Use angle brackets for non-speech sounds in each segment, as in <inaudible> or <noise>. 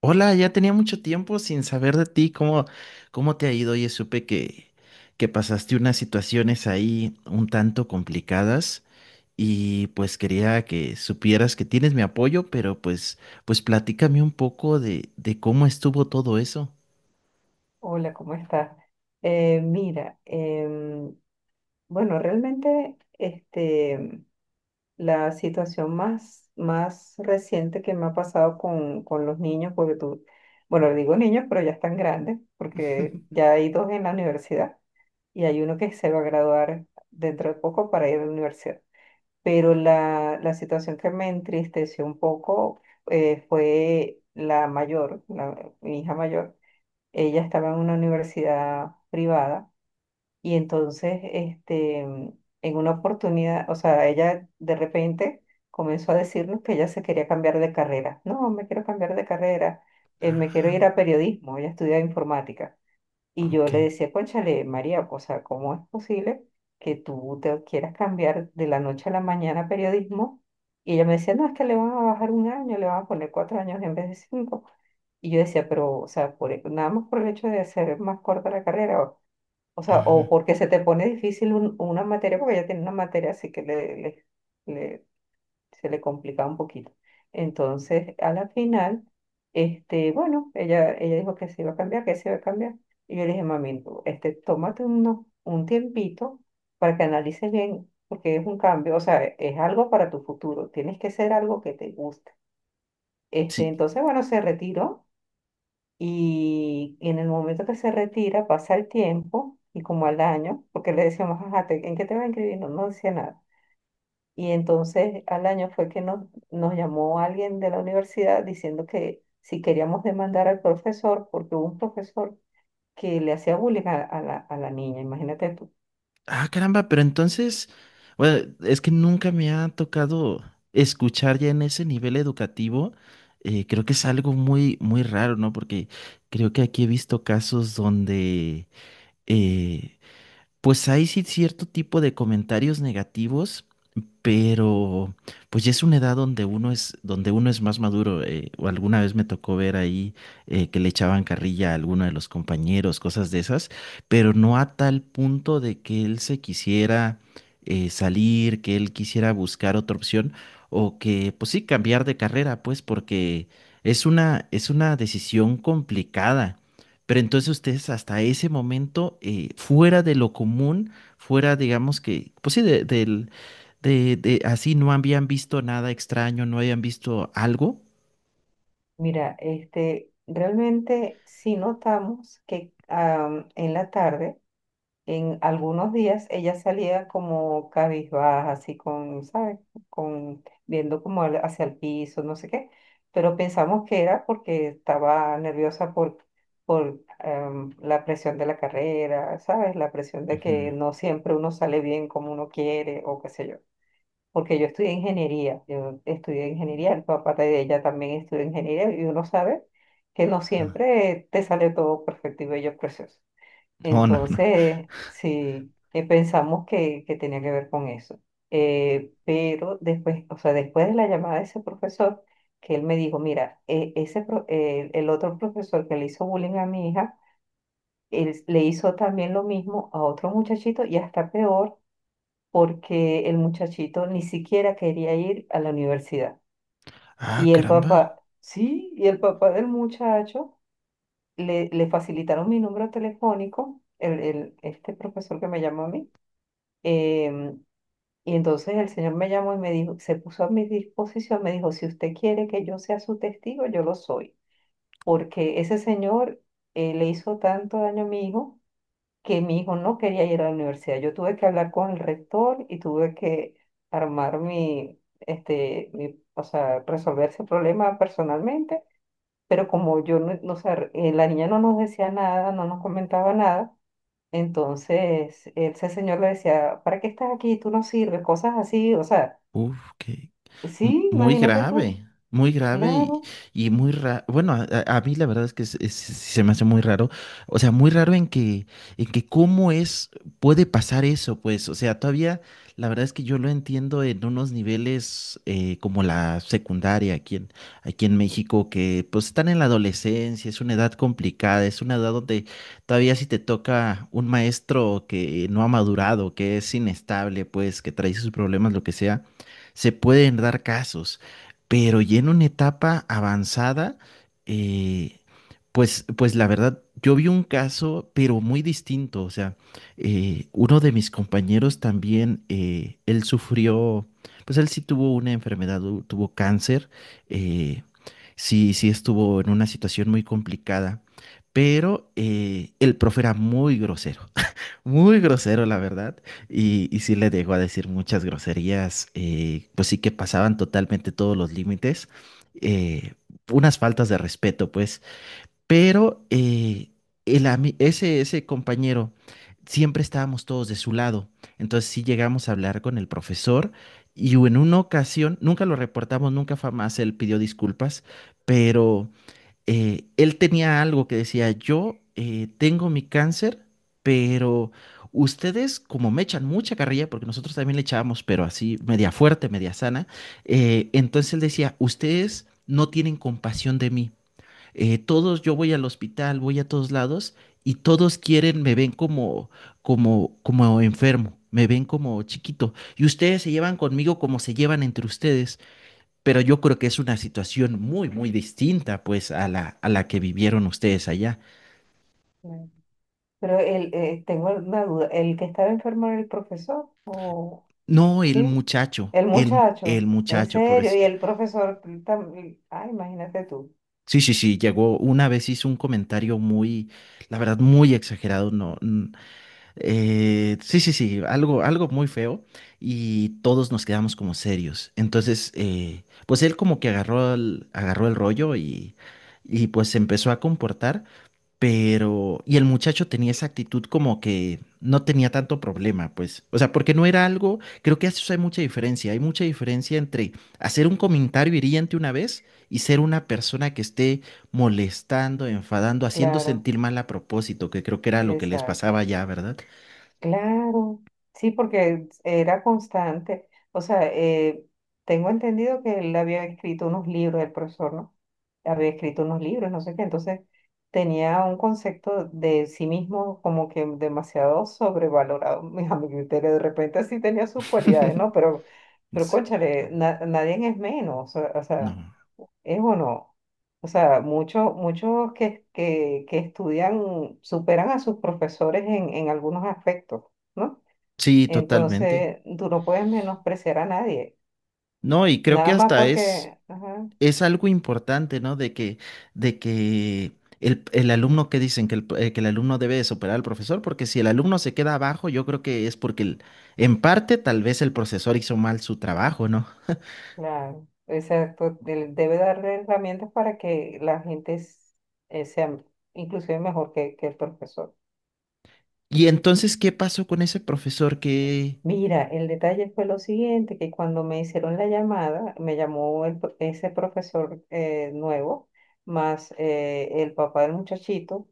Hola, ya tenía mucho tiempo sin saber de ti, ¿Cómo te ha ido? Oye, supe que pasaste unas situaciones ahí un tanto complicadas y pues quería que supieras que tienes mi apoyo, pero platícame un poco de cómo estuvo todo eso. Hola, ¿cómo estás? Eh, mira, em, bueno, realmente la situación más reciente que me ha pasado con los niños, porque tú, bueno, digo niños, pero ya están grandes, porque <laughs> ya hay dos en la universidad y hay uno que se va a graduar dentro de poco para ir a la universidad. Pero la situación que me entristeció un poco fue la mayor, mi hija mayor, ella estaba en una universidad privada y entonces, en una oportunidad, o sea, ella de repente comenzó a decirnos que ella se quería cambiar de carrera. No, me quiero cambiar de carrera, me quiero ir Ah, a periodismo, ella estudia informática. Y yo ok. le decía, cónchale, María, o sea, ¿cómo es posible que tú te quieras cambiar de la noche a la mañana a periodismo? Y ella me decía, no, es que le van a bajar un año, le van a poner 4 años en vez de 5. Y yo decía, pero, o sea, nada más por el hecho de hacer más corta la carrera, o sea, o Ujú. porque se te pone difícil una materia, porque ella tiene una materia así que le- se le complicaba un poquito. Entonces, a la final, bueno, ella dijo que se iba a cambiar, que se iba a cambiar. Y yo le dije, mami, tú, tómate un tiempito para que analices bien, porque es un cambio, o sea, es algo para tu futuro, tienes que ser algo que te guste. Sí. Entonces, bueno, se retiró, y en el momento que se retira, pasa el tiempo y como al año, porque le decíamos, ajá, ¿en qué te va a inscribir? No, no decía nada. Y entonces al año fue que nos llamó alguien de la universidad diciendo que si queríamos demandar al profesor, porque hubo un profesor que le hacía bullying a la niña, imagínate tú. Ah, caramba, pero entonces, bueno, es que nunca me ha tocado escuchar ya en ese nivel educativo. Creo que es algo muy raro, ¿no? Porque creo que aquí he visto casos donde, eh, pues hay sí cierto tipo de comentarios negativos, pero pues ya es una edad donde uno es más maduro. O alguna vez me tocó ver ahí que le echaban carrilla a alguno de los compañeros, cosas de esas, pero no a tal punto de que él se quisiera salir, que él quisiera buscar otra opción, o que, pues sí, cambiar de carrera, pues, porque es una decisión complicada. Pero entonces ustedes hasta ese momento, fuera de lo común, fuera, digamos que, pues sí, así no habían visto nada extraño, no habían visto algo. Mira, realmente sí notamos que en la tarde, en algunos días ella salía como cabizbaja, así con, ¿sabes? Con, viendo como hacia el piso, no sé qué, pero pensamos que era porque estaba nerviosa por la presión de la carrera, ¿sabes? La presión de que Ujú. no siempre uno sale bien como uno quiere o qué sé yo. Porque yo estudié ingeniería, el papá de ella también estudió ingeniería y uno sabe que no Ah. siempre te sale todo perfecto y bello, precioso. No, no, no. Entonces, sí, pensamos que tenía que ver con eso. Pero después, o sea, después de la llamada de ese profesor, que él me dijo, mira, el otro profesor que le hizo bullying a mi hija, él le hizo también lo mismo a otro muchachito y hasta peor, porque el muchachito ni siquiera quería ir a la universidad. Ah, Y el caramba. papá, sí, y el papá del muchacho le facilitaron mi número telefónico, este profesor que me llamó a mí. Em, y entonces el Señor me llamó y me dijo, se puso a mi disposición, me dijo, si usted quiere que yo sea su testigo, yo lo soy, porque ese señor le hizo tanto daño a mi hijo que mi hijo no quería ir a la universidad. Yo tuve que hablar con el rector y tuve que armar mi, o sea, resolver ese problema personalmente, pero como yo no, no, o sea, la niña no nos decía nada, no nos comentaba nada. Entonces, ese señor le decía, ¿para qué estás aquí? Tú no sirves, cosas así, o sea, Uf, sí, muy imagínate tú, grave, muy grave, claro. y muy raro. Bueno, a mí la verdad es que se me hace muy raro. O sea, muy raro en que cómo es, puede pasar eso, pues. O sea, todavía la verdad es que yo lo entiendo en unos niveles como la secundaria aquí en, aquí en México, que pues están en la adolescencia, es una edad complicada, es una edad donde todavía si te toca un maestro que no ha madurado, que es inestable, pues, que trae sus problemas, lo que sea se pueden dar casos, pero ya en una etapa avanzada, eh, pues la verdad, yo vi un caso, pero muy distinto. O sea, uno de mis compañeros también, él sufrió, pues él sí tuvo una enfermedad, tuvo cáncer, eh, sí estuvo en una situación muy complicada, pero el profe era muy grosero. Muy grosero, la verdad. Y sí le llegó a decir muchas groserías, pues sí que pasaban totalmente todos los límites, eh, unas faltas de respeto, pues. Pero ese compañero, siempre estábamos todos de su lado. Entonces sí llegamos a hablar con el profesor y en una ocasión, nunca lo reportamos, nunca fue más, él pidió disculpas, pero él tenía algo que decía, yo tengo mi cáncer, pero ustedes como me echan mucha carrilla, porque nosotros también le echábamos, pero así media fuerte, media sana. Entonces él decía, ustedes no tienen compasión de mí. Todos, yo voy al hospital, voy a todos lados y todos quieren, me ven como, como enfermo. Me ven como chiquito y ustedes se llevan conmigo como se llevan entre ustedes, pero yo creo que es una situación muy distinta pues a la que vivieron ustedes allá. Claro, pero el, tengo una duda, ¿el que estaba enfermo era el profesor? ¿O No, el sí? muchacho, El muchacho, el en muchacho, serio, y pobrecito. el profesor ay, imagínate tú, Sí, sí, sí, llegó una vez, hizo un comentario muy, la verdad, muy exagerado, no, n- sí, sí, sí, algo, algo muy feo y todos nos quedamos como serios. Entonces, pues él como que agarró el rollo y pues se empezó a comportar. Pero, y el muchacho tenía esa actitud como que no tenía tanto problema, pues. O sea, porque no era algo, creo que eso hay mucha diferencia. Hay mucha diferencia entre hacer un comentario hiriente una vez y ser una persona que esté molestando, enfadando, haciendo claro, sentir mal a propósito, que creo que era lo que les exacto. pasaba ya, ¿verdad? Claro, sí, porque era constante. O sea, tengo entendido que él había escrito unos libros, el profesor, ¿no? Había escrito unos libros, no sé qué. Entonces tenía un concepto de sí mismo como que demasiado sobrevalorado. <laughs> A mi criterio, de repente sí tenía sus cualidades, ¿no? <laughs> Pero Sí. cónchale, nadie es menos. O sea, No. es o no. O sea, muchos que estudian superan a sus profesores en algunos aspectos, ¿no? Sí, totalmente. Entonces, tú no puedes menospreciar a nadie, No, y creo que nada más hasta es. porque, ajá, Es algo importante, ¿no? De que el alumno que dicen que el alumno debe de superar al profesor, porque si el alumno se queda abajo, yo creo que es porque en parte tal vez el profesor hizo mal su trabajo, ¿no? claro, exacto, debe darle herramientas para que la gente sea inclusive mejor que el profesor. Y entonces, ¿qué pasó con ese profesor que... Mira, el detalle fue lo siguiente, que cuando me hicieron la llamada, me llamó ese profesor nuevo, más el papá del muchachito,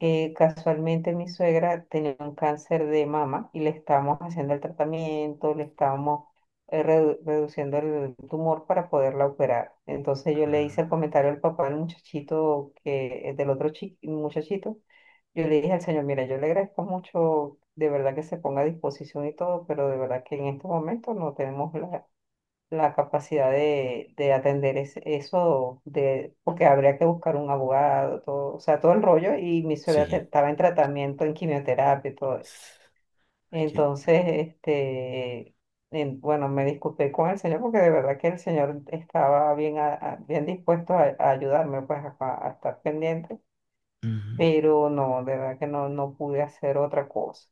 casualmente mi suegra tenía un cáncer de mama y le estábamos haciendo el tratamiento, le estábamos reduciendo el tumor para poderla operar. Entonces yo le hice el comentario al papá del muchachito, del otro muchachito, yo le dije al señor, mira, yo le agradezco mucho, de verdad que se ponga a disposición y todo, pero de verdad que en este momento no tenemos la capacidad de atender eso, de, porque habría que buscar un abogado, todo, o sea, todo el rollo, y mi suegra Sí. estaba en tratamiento, en quimioterapia y todo eso. s- hay que- Entonces, bueno, me disculpé con el señor porque de verdad que el señor estaba bien, bien dispuesto a, pues, a estar pendiente, Ujú. pero no, de verdad que no, no pude hacer otra cosa.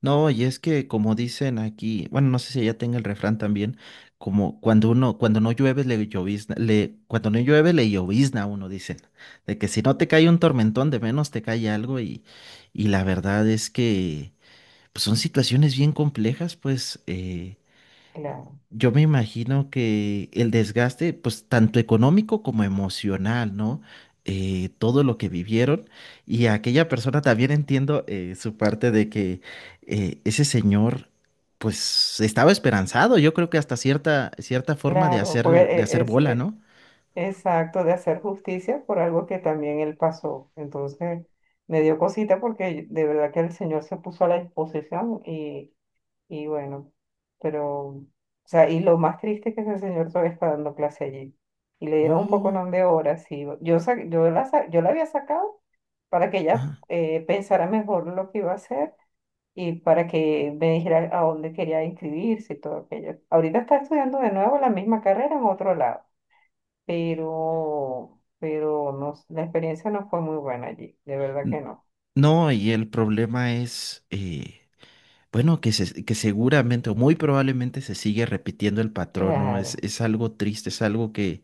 No, y es que como dicen aquí, bueno, no sé si ella tenga el refrán también, cuando no llueve le llovizna, cuando no llueve le llovizna a uno, dicen, de que si no te cae un tormentón, de menos te cae algo, y la verdad es que pues son situaciones bien complejas, pues, Claro, yo me imagino que el desgaste, pues tanto económico como emocional, ¿no? Todo lo que vivieron y aquella persona también entiendo su parte de que ese señor, pues estaba esperanzado, yo creo que hasta cierta, cierta forma claro, porque de e- hacer es, bola, e, ¿no? exacto, de hacer justicia por algo que también él pasó. Entonces, me dio cosita porque de verdad que el Señor se puso a la disposición y bueno, pero, o sea, y lo más triste es que el Señor todavía está dando clase allí. Y le dieron un poco Oh. de horas y yo, sa- yo la había sacado para que ella Ajá. Pensara mejor lo que iba a hacer, y para que me dijera a dónde quería inscribirse y todo aquello. Ahorita está estudiando de nuevo la misma carrera en otro lado, pero no, la experiencia no fue muy buena allí, de verdad que N- no. No, y el problema es, que seguramente o muy probablemente se sigue repitiendo el patrón, ¿no? Claro, Es algo triste, es algo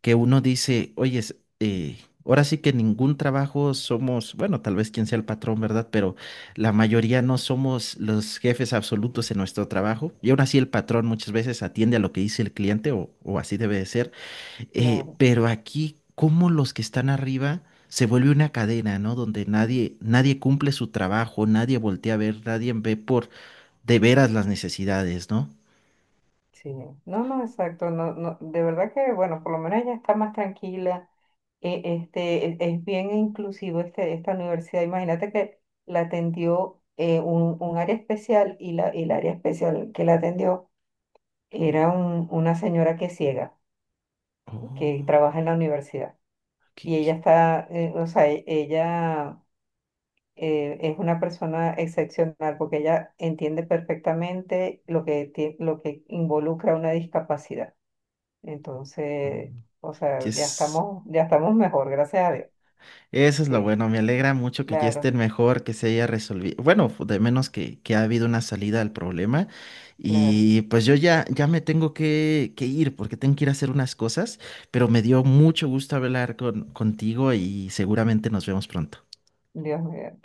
que uno dice, oye, ahora sí que ningún trabajo somos, bueno, tal vez quien sea el patrón, ¿verdad? Pero la mayoría no somos los jefes absolutos en nuestro trabajo. Y aún así el patrón muchas veces atiende a lo que dice el cliente o así debe de ser. Claro, Pero aquí, como los que están arriba... Se vuelve una cadena, ¿no? Donde nadie, nadie cumple su trabajo, nadie voltea a ver, nadie ve por de veras las necesidades, ¿no? sí. No, exacto, no, no, de verdad que, bueno, por lo menos ella está más tranquila. Es bien inclusivo esta universidad. Imagínate que la atendió un área especial y la, y el área especial que la atendió era una señora que es ciega, que Oh. trabaja en la universidad. qué- Y qué- ella está, ella es una persona excepcional porque ella entiende perfectamente lo que, lo que involucra una discapacidad. Entonces, mm, o sea, es ya estamos mejor, gracias a Dios. Eso es lo Sí, bueno, me alegra mucho que ya claro, estén mejor, que se haya resolvido, bueno, de menos que ha habido una salida al problema claro. y pues ya me tengo que ir porque tengo que ir a hacer unas cosas, pero me dio mucho gusto hablar con, contigo y seguramente nos vemos pronto. Dios mío.